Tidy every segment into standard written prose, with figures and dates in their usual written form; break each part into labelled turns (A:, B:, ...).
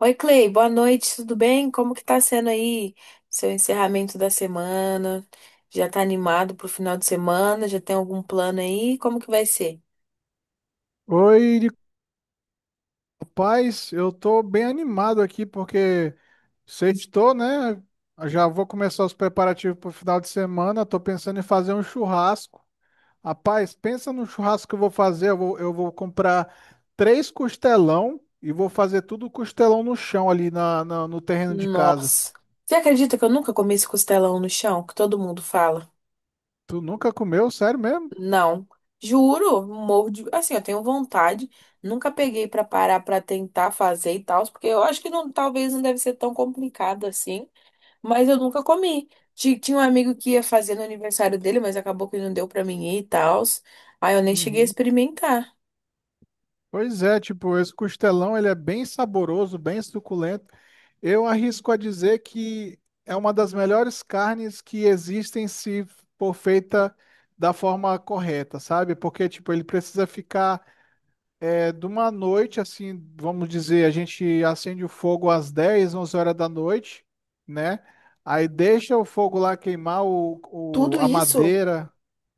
A: Oi, Clay, boa noite, tudo bem? Como que tá sendo aí seu encerramento da semana? Já tá animado pro final de semana? Já tem algum plano aí? Como que vai ser?
B: Oi, Nico. Rapaz, eu tô bem animado aqui porque sextou, né? Já vou começar os preparativos pro final de semana. Tô pensando em fazer um churrasco. Rapaz, pensa no churrasco que eu vou fazer. Eu vou comprar 3 costelão e vou fazer tudo costelão no chão ali no terreno de casa.
A: Nossa. Você acredita que eu nunca comi esse costelão no chão, que todo mundo fala?
B: Tu nunca comeu? Sério mesmo?
A: Não. Juro, morro de... Assim, eu tenho vontade, nunca peguei pra parar pra tentar fazer e tal, porque eu acho que não, talvez não deve ser tão complicado assim. Mas eu nunca comi. Tinha um amigo que ia fazer no aniversário dele, mas acabou que não deu pra mim ir e tal. Aí eu nem cheguei a
B: Uhum.
A: experimentar.
B: Pois é, tipo, esse costelão ele é bem saboroso, bem suculento. Eu arrisco a dizer que é uma das melhores carnes que existem se for feita da forma correta, sabe? Porque, tipo, ele precisa ficar. É de uma noite, assim, vamos dizer, a gente acende o fogo às 10 11 horas da noite, né? Aí deixa o fogo lá queimar
A: Tudo
B: a
A: isso?
B: madeira,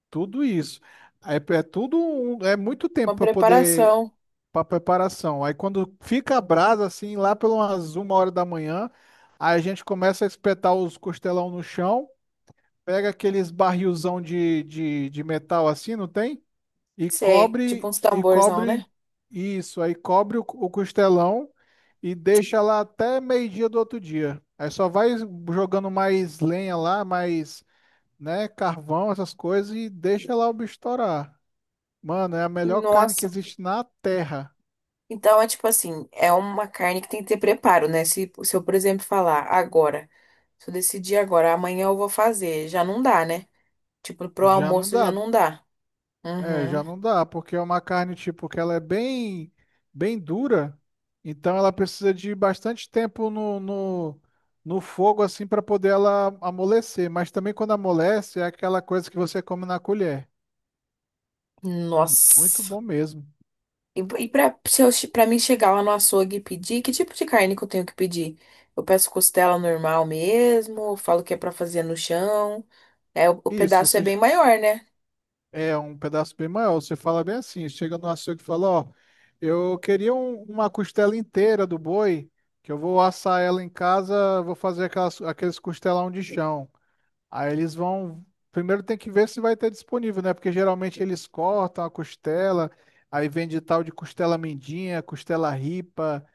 B: tudo isso. É muito tempo
A: Uma
B: para poder,
A: preparação,
B: para preparação. Aí quando fica a brasa, assim, lá pelas 1 hora da manhã, aí a gente começa a espetar os costelão no chão, pega aqueles barrilzão de metal assim, não tem? E
A: sei, tipo
B: cobre,
A: uns
B: e
A: tamborzão,
B: cobre
A: né?
B: isso, aí cobre o costelão e deixa lá até meio-dia do outro dia. Aí só vai jogando mais lenha lá, mais, né, carvão, essas coisas e deixa lá o bicho estourar. Mano, é a melhor carne que
A: Nossa.
B: existe na terra.
A: Então é tipo assim, é uma carne que tem que ter preparo, né? Se eu, por exemplo, falar agora, se eu decidir agora, amanhã eu vou fazer, já não dá, né? Tipo, pro
B: Já não
A: almoço já
B: dá.
A: não dá.
B: É,
A: Uhum.
B: já não dá, porque é uma carne tipo que ela é bem, bem dura, então ela precisa de bastante tempo no fogo assim para poder ela amolecer. Mas também quando amolece é aquela coisa que você come na colher. Muito
A: Nossa.
B: bom mesmo.
A: E pra, se eu, pra mim chegar lá no açougue e pedir, que tipo de carne que eu tenho que pedir? Eu peço costela normal mesmo, eu falo que é pra fazer no chão. É, o
B: Isso,
A: pedaço é
B: você
A: bem maior, né?
B: é um pedaço bem maior. Você fala bem assim, chega no açougue e fala, ó, eu queria uma costela inteira do boi, que eu vou assar ela em casa, vou fazer aquelas, aqueles costelão de chão. Aí eles vão. Primeiro tem que ver se vai ter disponível, né? Porque geralmente eles cortam a costela, aí vende tal de costela mendinha, costela ripa.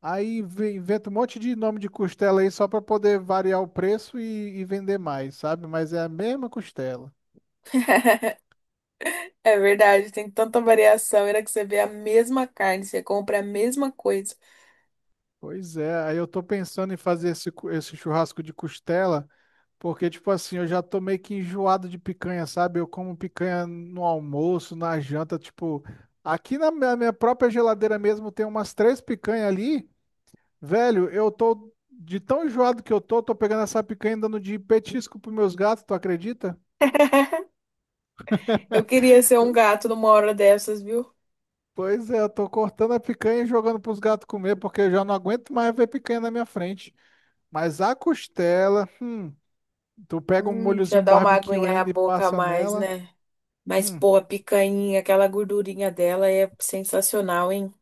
B: Aí inventa um monte de nome de costela aí só para poder variar o preço e vender mais, sabe? Mas é a mesma costela.
A: É verdade, tem tanta variação. Era que você vê a mesma carne, você compra a mesma coisa.
B: Pois é, aí eu tô pensando em fazer esse, esse churrasco de costela, porque, tipo assim, eu já tô meio que enjoado de picanha, sabe? Eu como picanha no almoço, na janta, tipo, aqui na minha própria geladeira mesmo tem umas 3 picanhas ali, velho, eu tô de tão enjoado que eu tô pegando essa picanha e dando de petisco pros meus gatos, tu acredita?
A: Eu queria ser um gato numa hora dessas, viu?
B: Pois é, eu tô cortando a picanha e jogando pros gatos comer, porque eu já não aguento mais ver picanha na minha frente. Mas a costela. Tu pega um
A: Já
B: molhozinho
A: dá uma
B: barbecue
A: aguinha na
B: ainda e
A: boca a
B: passa
A: mais,
B: nela.
A: né? Mas,
B: Hum,
A: pô, a picanha, aquela gordurinha dela é sensacional, hein?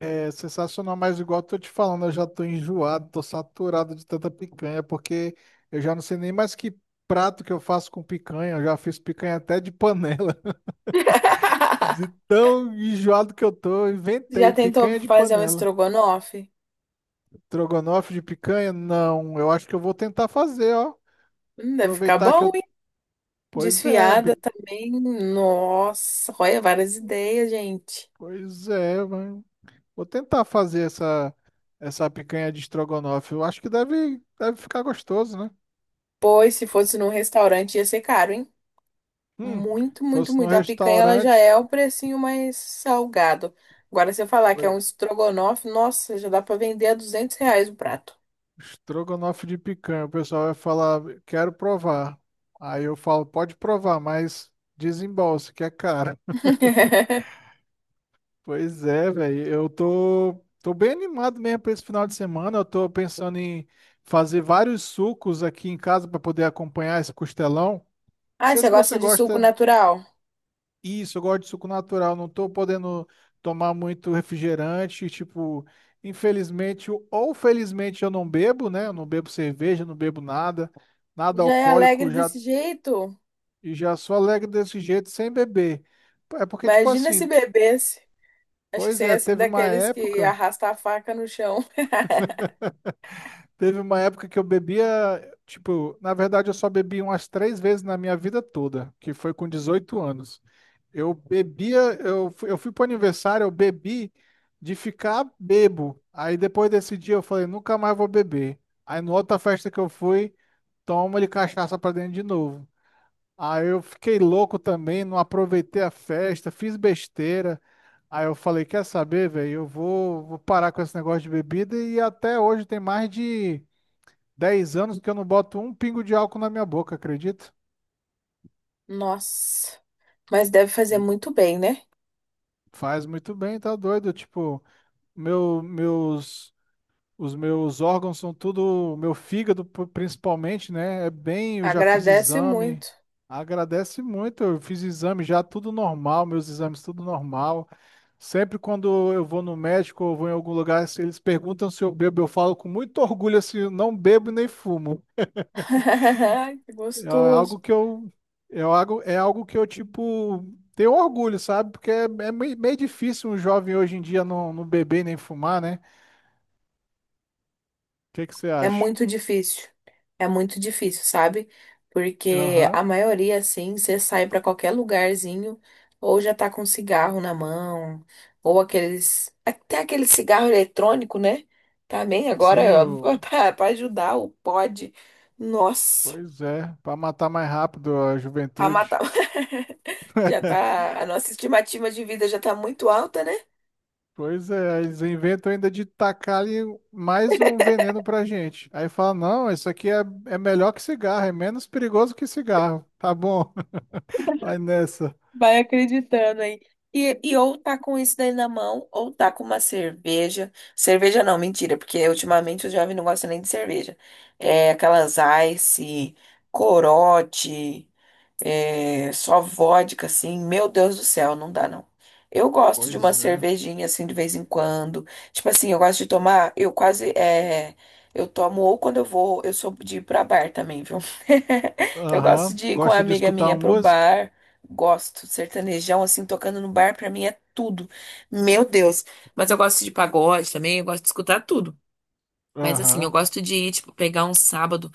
B: é sensacional, mas igual eu tô te falando, eu já tô enjoado, tô saturado de tanta picanha, porque eu já não sei nem mais que prato que eu faço com picanha. Eu já fiz picanha até de panela. De tão enjoado que eu tô, eu
A: Já
B: inventei
A: tentou
B: picanha de
A: fazer um
B: panela.
A: estrogonofe?
B: Trogonofe de picanha? Não, eu acho que eu vou tentar fazer, ó.
A: Deve ficar
B: Aproveitar que
A: bom,
B: eu.
A: hein?
B: Pois é,
A: Desfiada
B: bi-
A: também. Nossa, olha, várias ideias, gente.
B: pois é, mas vou tentar fazer essa picanha de estrogonofe. Eu acho que deve ficar gostoso, né?
A: Pois, se fosse num restaurante, ia ser caro, hein?
B: Hum,
A: Muito, muito,
B: fosse no
A: muito. A picanha, ela já
B: restaurante,
A: é o precinho mais salgado. Agora, se eu falar que
B: oi,
A: é um estrogonofe, nossa, já dá pra vender a R$ 200 o prato.
B: estrogonofe de picanha, o pessoal vai falar, quero provar. Aí eu falo, pode provar, mas desembolse, que é caro. Pois é, velho, eu tô bem animado mesmo para esse final de semana. Eu tô pensando em fazer vários sucos aqui em casa para poder acompanhar esse costelão. Não
A: Ai,
B: sei
A: você
B: se você
A: gosta de suco
B: gosta.
A: natural?
B: Isso, eu gosto de suco natural, não tô podendo tomar muito refrigerante, tipo, infelizmente ou felizmente eu não bebo, né? Eu não bebo cerveja, não bebo nada, nada
A: Já é alegre
B: alcoólico, já
A: desse jeito?
B: e já sou alegre desse jeito sem beber. É porque tipo
A: Imagina se
B: assim,
A: bebesse. Acho que
B: pois
A: você
B: é,
A: ia ser daqueles que arrasta a faca no chão.
B: teve uma época que eu bebia, tipo, na verdade eu só bebi umas 3 vezes na minha vida toda, que foi com 18 anos. Eu bebia, eu fui, pro aniversário, eu bebi de ficar bebo. Aí depois desse dia eu falei, nunca mais vou beber. Aí na outra festa que eu fui, toma de cachaça pra dentro de novo. Aí eu fiquei louco também, não aproveitei a festa, fiz besteira. Aí eu falei, quer saber, velho? Eu vou parar com esse negócio de bebida e até hoje tem mais de 10 anos que eu não boto um pingo de álcool na minha boca, acredito?
A: Nossa, mas deve fazer muito bem, né?
B: Faz muito bem, tá doido? Tipo, meu, meus os meus órgãos são tudo, meu fígado principalmente, né? É bem, eu já fiz
A: Agradece
B: exame.
A: muito.
B: Agradece muito, eu fiz exame já tudo normal, meus exames tudo normal. Sempre quando eu vou no médico ou vou em algum lugar, se eles perguntam se eu bebo, eu falo com muito orgulho assim, eu não bebo nem fumo.
A: Que
B: É
A: gostoso.
B: algo que eu é algo que eu tipo tenho orgulho, sabe? Porque é, é, meio, meio difícil um jovem hoje em dia não beber nem fumar, né? O que que você
A: É
B: acha?
A: muito difícil. É muito difícil, sabe? Porque
B: Aham.
A: a maioria, assim, você sai pra qualquer lugarzinho, ou já tá com cigarro na mão, ou aqueles. Até aquele cigarro eletrônico, né? Também
B: Sim,
A: agora, ó,
B: o
A: pra ajudar o pod. Nossa,
B: Pois é, para matar mais rápido a
A: pra matar.
B: juventude.
A: Já tá. A nossa estimativa de vida já tá muito alta, né?
B: Pois é, eles inventam ainda de tacar ali mais um veneno pra gente. Aí fala, não, isso aqui é, é melhor que cigarro, é menos perigoso que cigarro. Tá bom, vai nessa.
A: Vai acreditando aí. E ou tá com isso daí na mão, ou tá com uma cerveja. Cerveja não, mentira, porque ultimamente o jovem não gosta nem de cerveja. É aquelas Ice, Corote. É, só vodka, assim, meu Deus do céu, não dá não. Eu gosto de uma
B: Pois é.
A: cervejinha, assim, de vez em quando. Tipo assim, eu gosto de tomar, eu quase, é, eu tomo ou quando eu vou, eu sou de ir pra bar também, viu? Eu gosto
B: Aham.
A: de ir com uma
B: Gosta de
A: amiga
B: escutar
A: minha
B: uma
A: pro
B: música?
A: bar, gosto, sertanejão, assim, tocando no bar, pra mim é tudo. Meu Deus, mas eu gosto de pagode também, eu gosto de escutar tudo. Mas assim, eu
B: Aham,
A: gosto de ir, tipo, pegar um sábado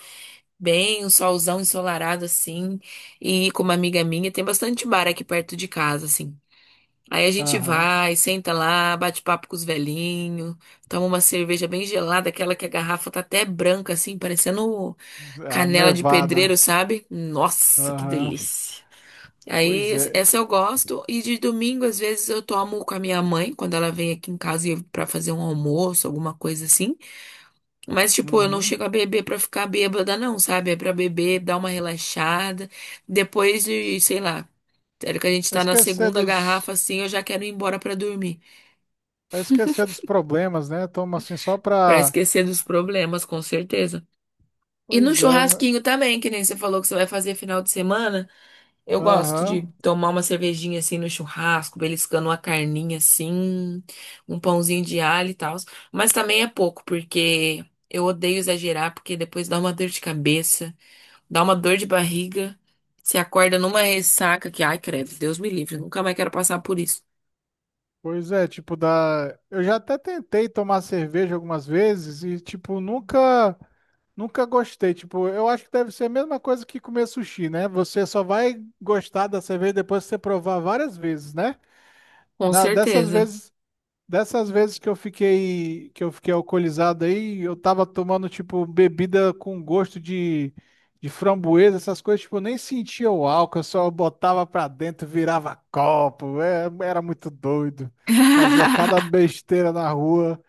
A: bem, um solzão ensolarado assim, e com uma amiga minha, tem bastante bar aqui perto de casa, assim. Aí a gente
B: aham.
A: vai, senta lá, bate papo com os velhinhos, toma uma cerveja bem gelada, aquela que a garrafa tá até branca, assim, parecendo
B: A
A: canela de pedreiro,
B: Nevada.
A: sabe? Nossa, que
B: Aham.
A: delícia! Aí,
B: Pois é.
A: essa eu gosto, e de domingo, às vezes, eu tomo com a minha mãe, quando ela vem aqui em casa pra fazer um almoço, alguma coisa assim. Mas, tipo, eu não
B: Uhum.
A: chego a beber pra ficar bêbada, não, sabe? É pra beber, dar uma relaxada. Depois de, sei lá, sério que a gente
B: Vai
A: tá na
B: esquecer
A: segunda garrafa,
B: dos,
A: assim, eu já quero ir embora pra dormir.
B: vai esquecer dos problemas, né? Toma assim só
A: Pra
B: pra.
A: esquecer dos problemas, com certeza. E no
B: Pois é,
A: churrasquinho também, que nem você falou que você vai fazer final de semana. Eu gosto de
B: aham.
A: tomar uma cervejinha assim no churrasco, beliscando uma carninha assim, um pãozinho de alho e tal. Mas também é pouco, porque eu odeio exagerar, porque depois dá uma dor de cabeça. Dá uma dor de barriga. Se acorda numa ressaca que, ai, credo, Deus me livre, nunca mais quero passar por isso.
B: Pois é, tipo, da. Eu já até tentei tomar cerveja algumas vezes e, tipo, nunca. Nunca gostei, tipo, eu acho que deve ser a mesma coisa que comer sushi, né? Você só vai gostar da cerveja depois que você provar várias vezes, né?
A: Com
B: Na, dessas
A: certeza.
B: vezes Dessas vezes que eu fiquei alcoolizado aí, eu tava tomando tipo bebida com gosto de framboesa, essas coisas, tipo, eu nem sentia o álcool, eu só botava pra dentro, virava copo, é, era muito doido. Fazia cada besteira na rua.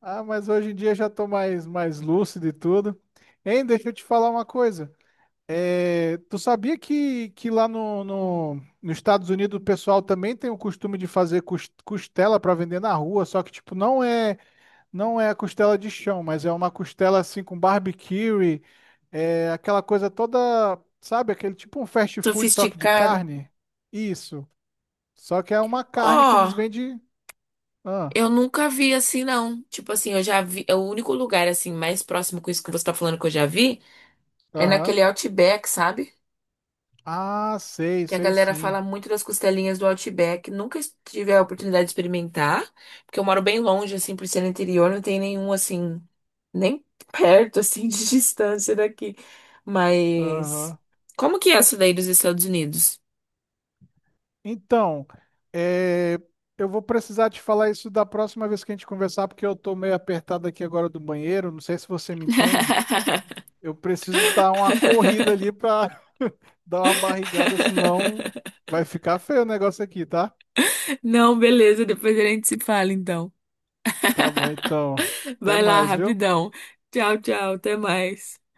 B: Ah, mas hoje em dia eu já tô mais lúcido e tudo. Hein, deixa eu te falar uma coisa. Tu sabia que lá no, no, nos Estados Unidos o pessoal também tem o costume de fazer costela para vender na rua, só que tipo não é a costela de chão, mas é uma costela assim com barbecue, é aquela coisa toda, sabe, aquele tipo um fast food só que de
A: Sofisticada.
B: carne. Isso. Só que é uma carne que eles
A: Ó,
B: vendem. Ah,
A: eu nunca vi assim, não. Tipo assim, eu já vi. O único lugar, assim, mais próximo com isso que você tá falando que eu já vi é
B: aham.
A: naquele Outback, sabe?
B: Ah, sei,
A: Que a
B: sei
A: galera fala
B: sim.
A: muito das costelinhas do Outback. Nunca tive a oportunidade de experimentar, porque eu moro bem longe, assim, por ser no interior, não tem nenhum, assim, nem perto, assim, de distância daqui. Mas
B: Aham.
A: como que é essa daí dos Estados Unidos?
B: Então, é, eu vou precisar te falar isso da próxima vez que a gente conversar, porque eu tô meio apertado aqui agora do banheiro. Não sei se você me entende. Eu preciso dar uma corrida ali pra dar uma barrigada, senão vai ficar feio o negócio aqui, tá?
A: Não, beleza, depois a gente se fala, então.
B: Tá bom, então. Até
A: Vai lá,
B: mais, viu?
A: rapidão. Tchau, tchau, até mais.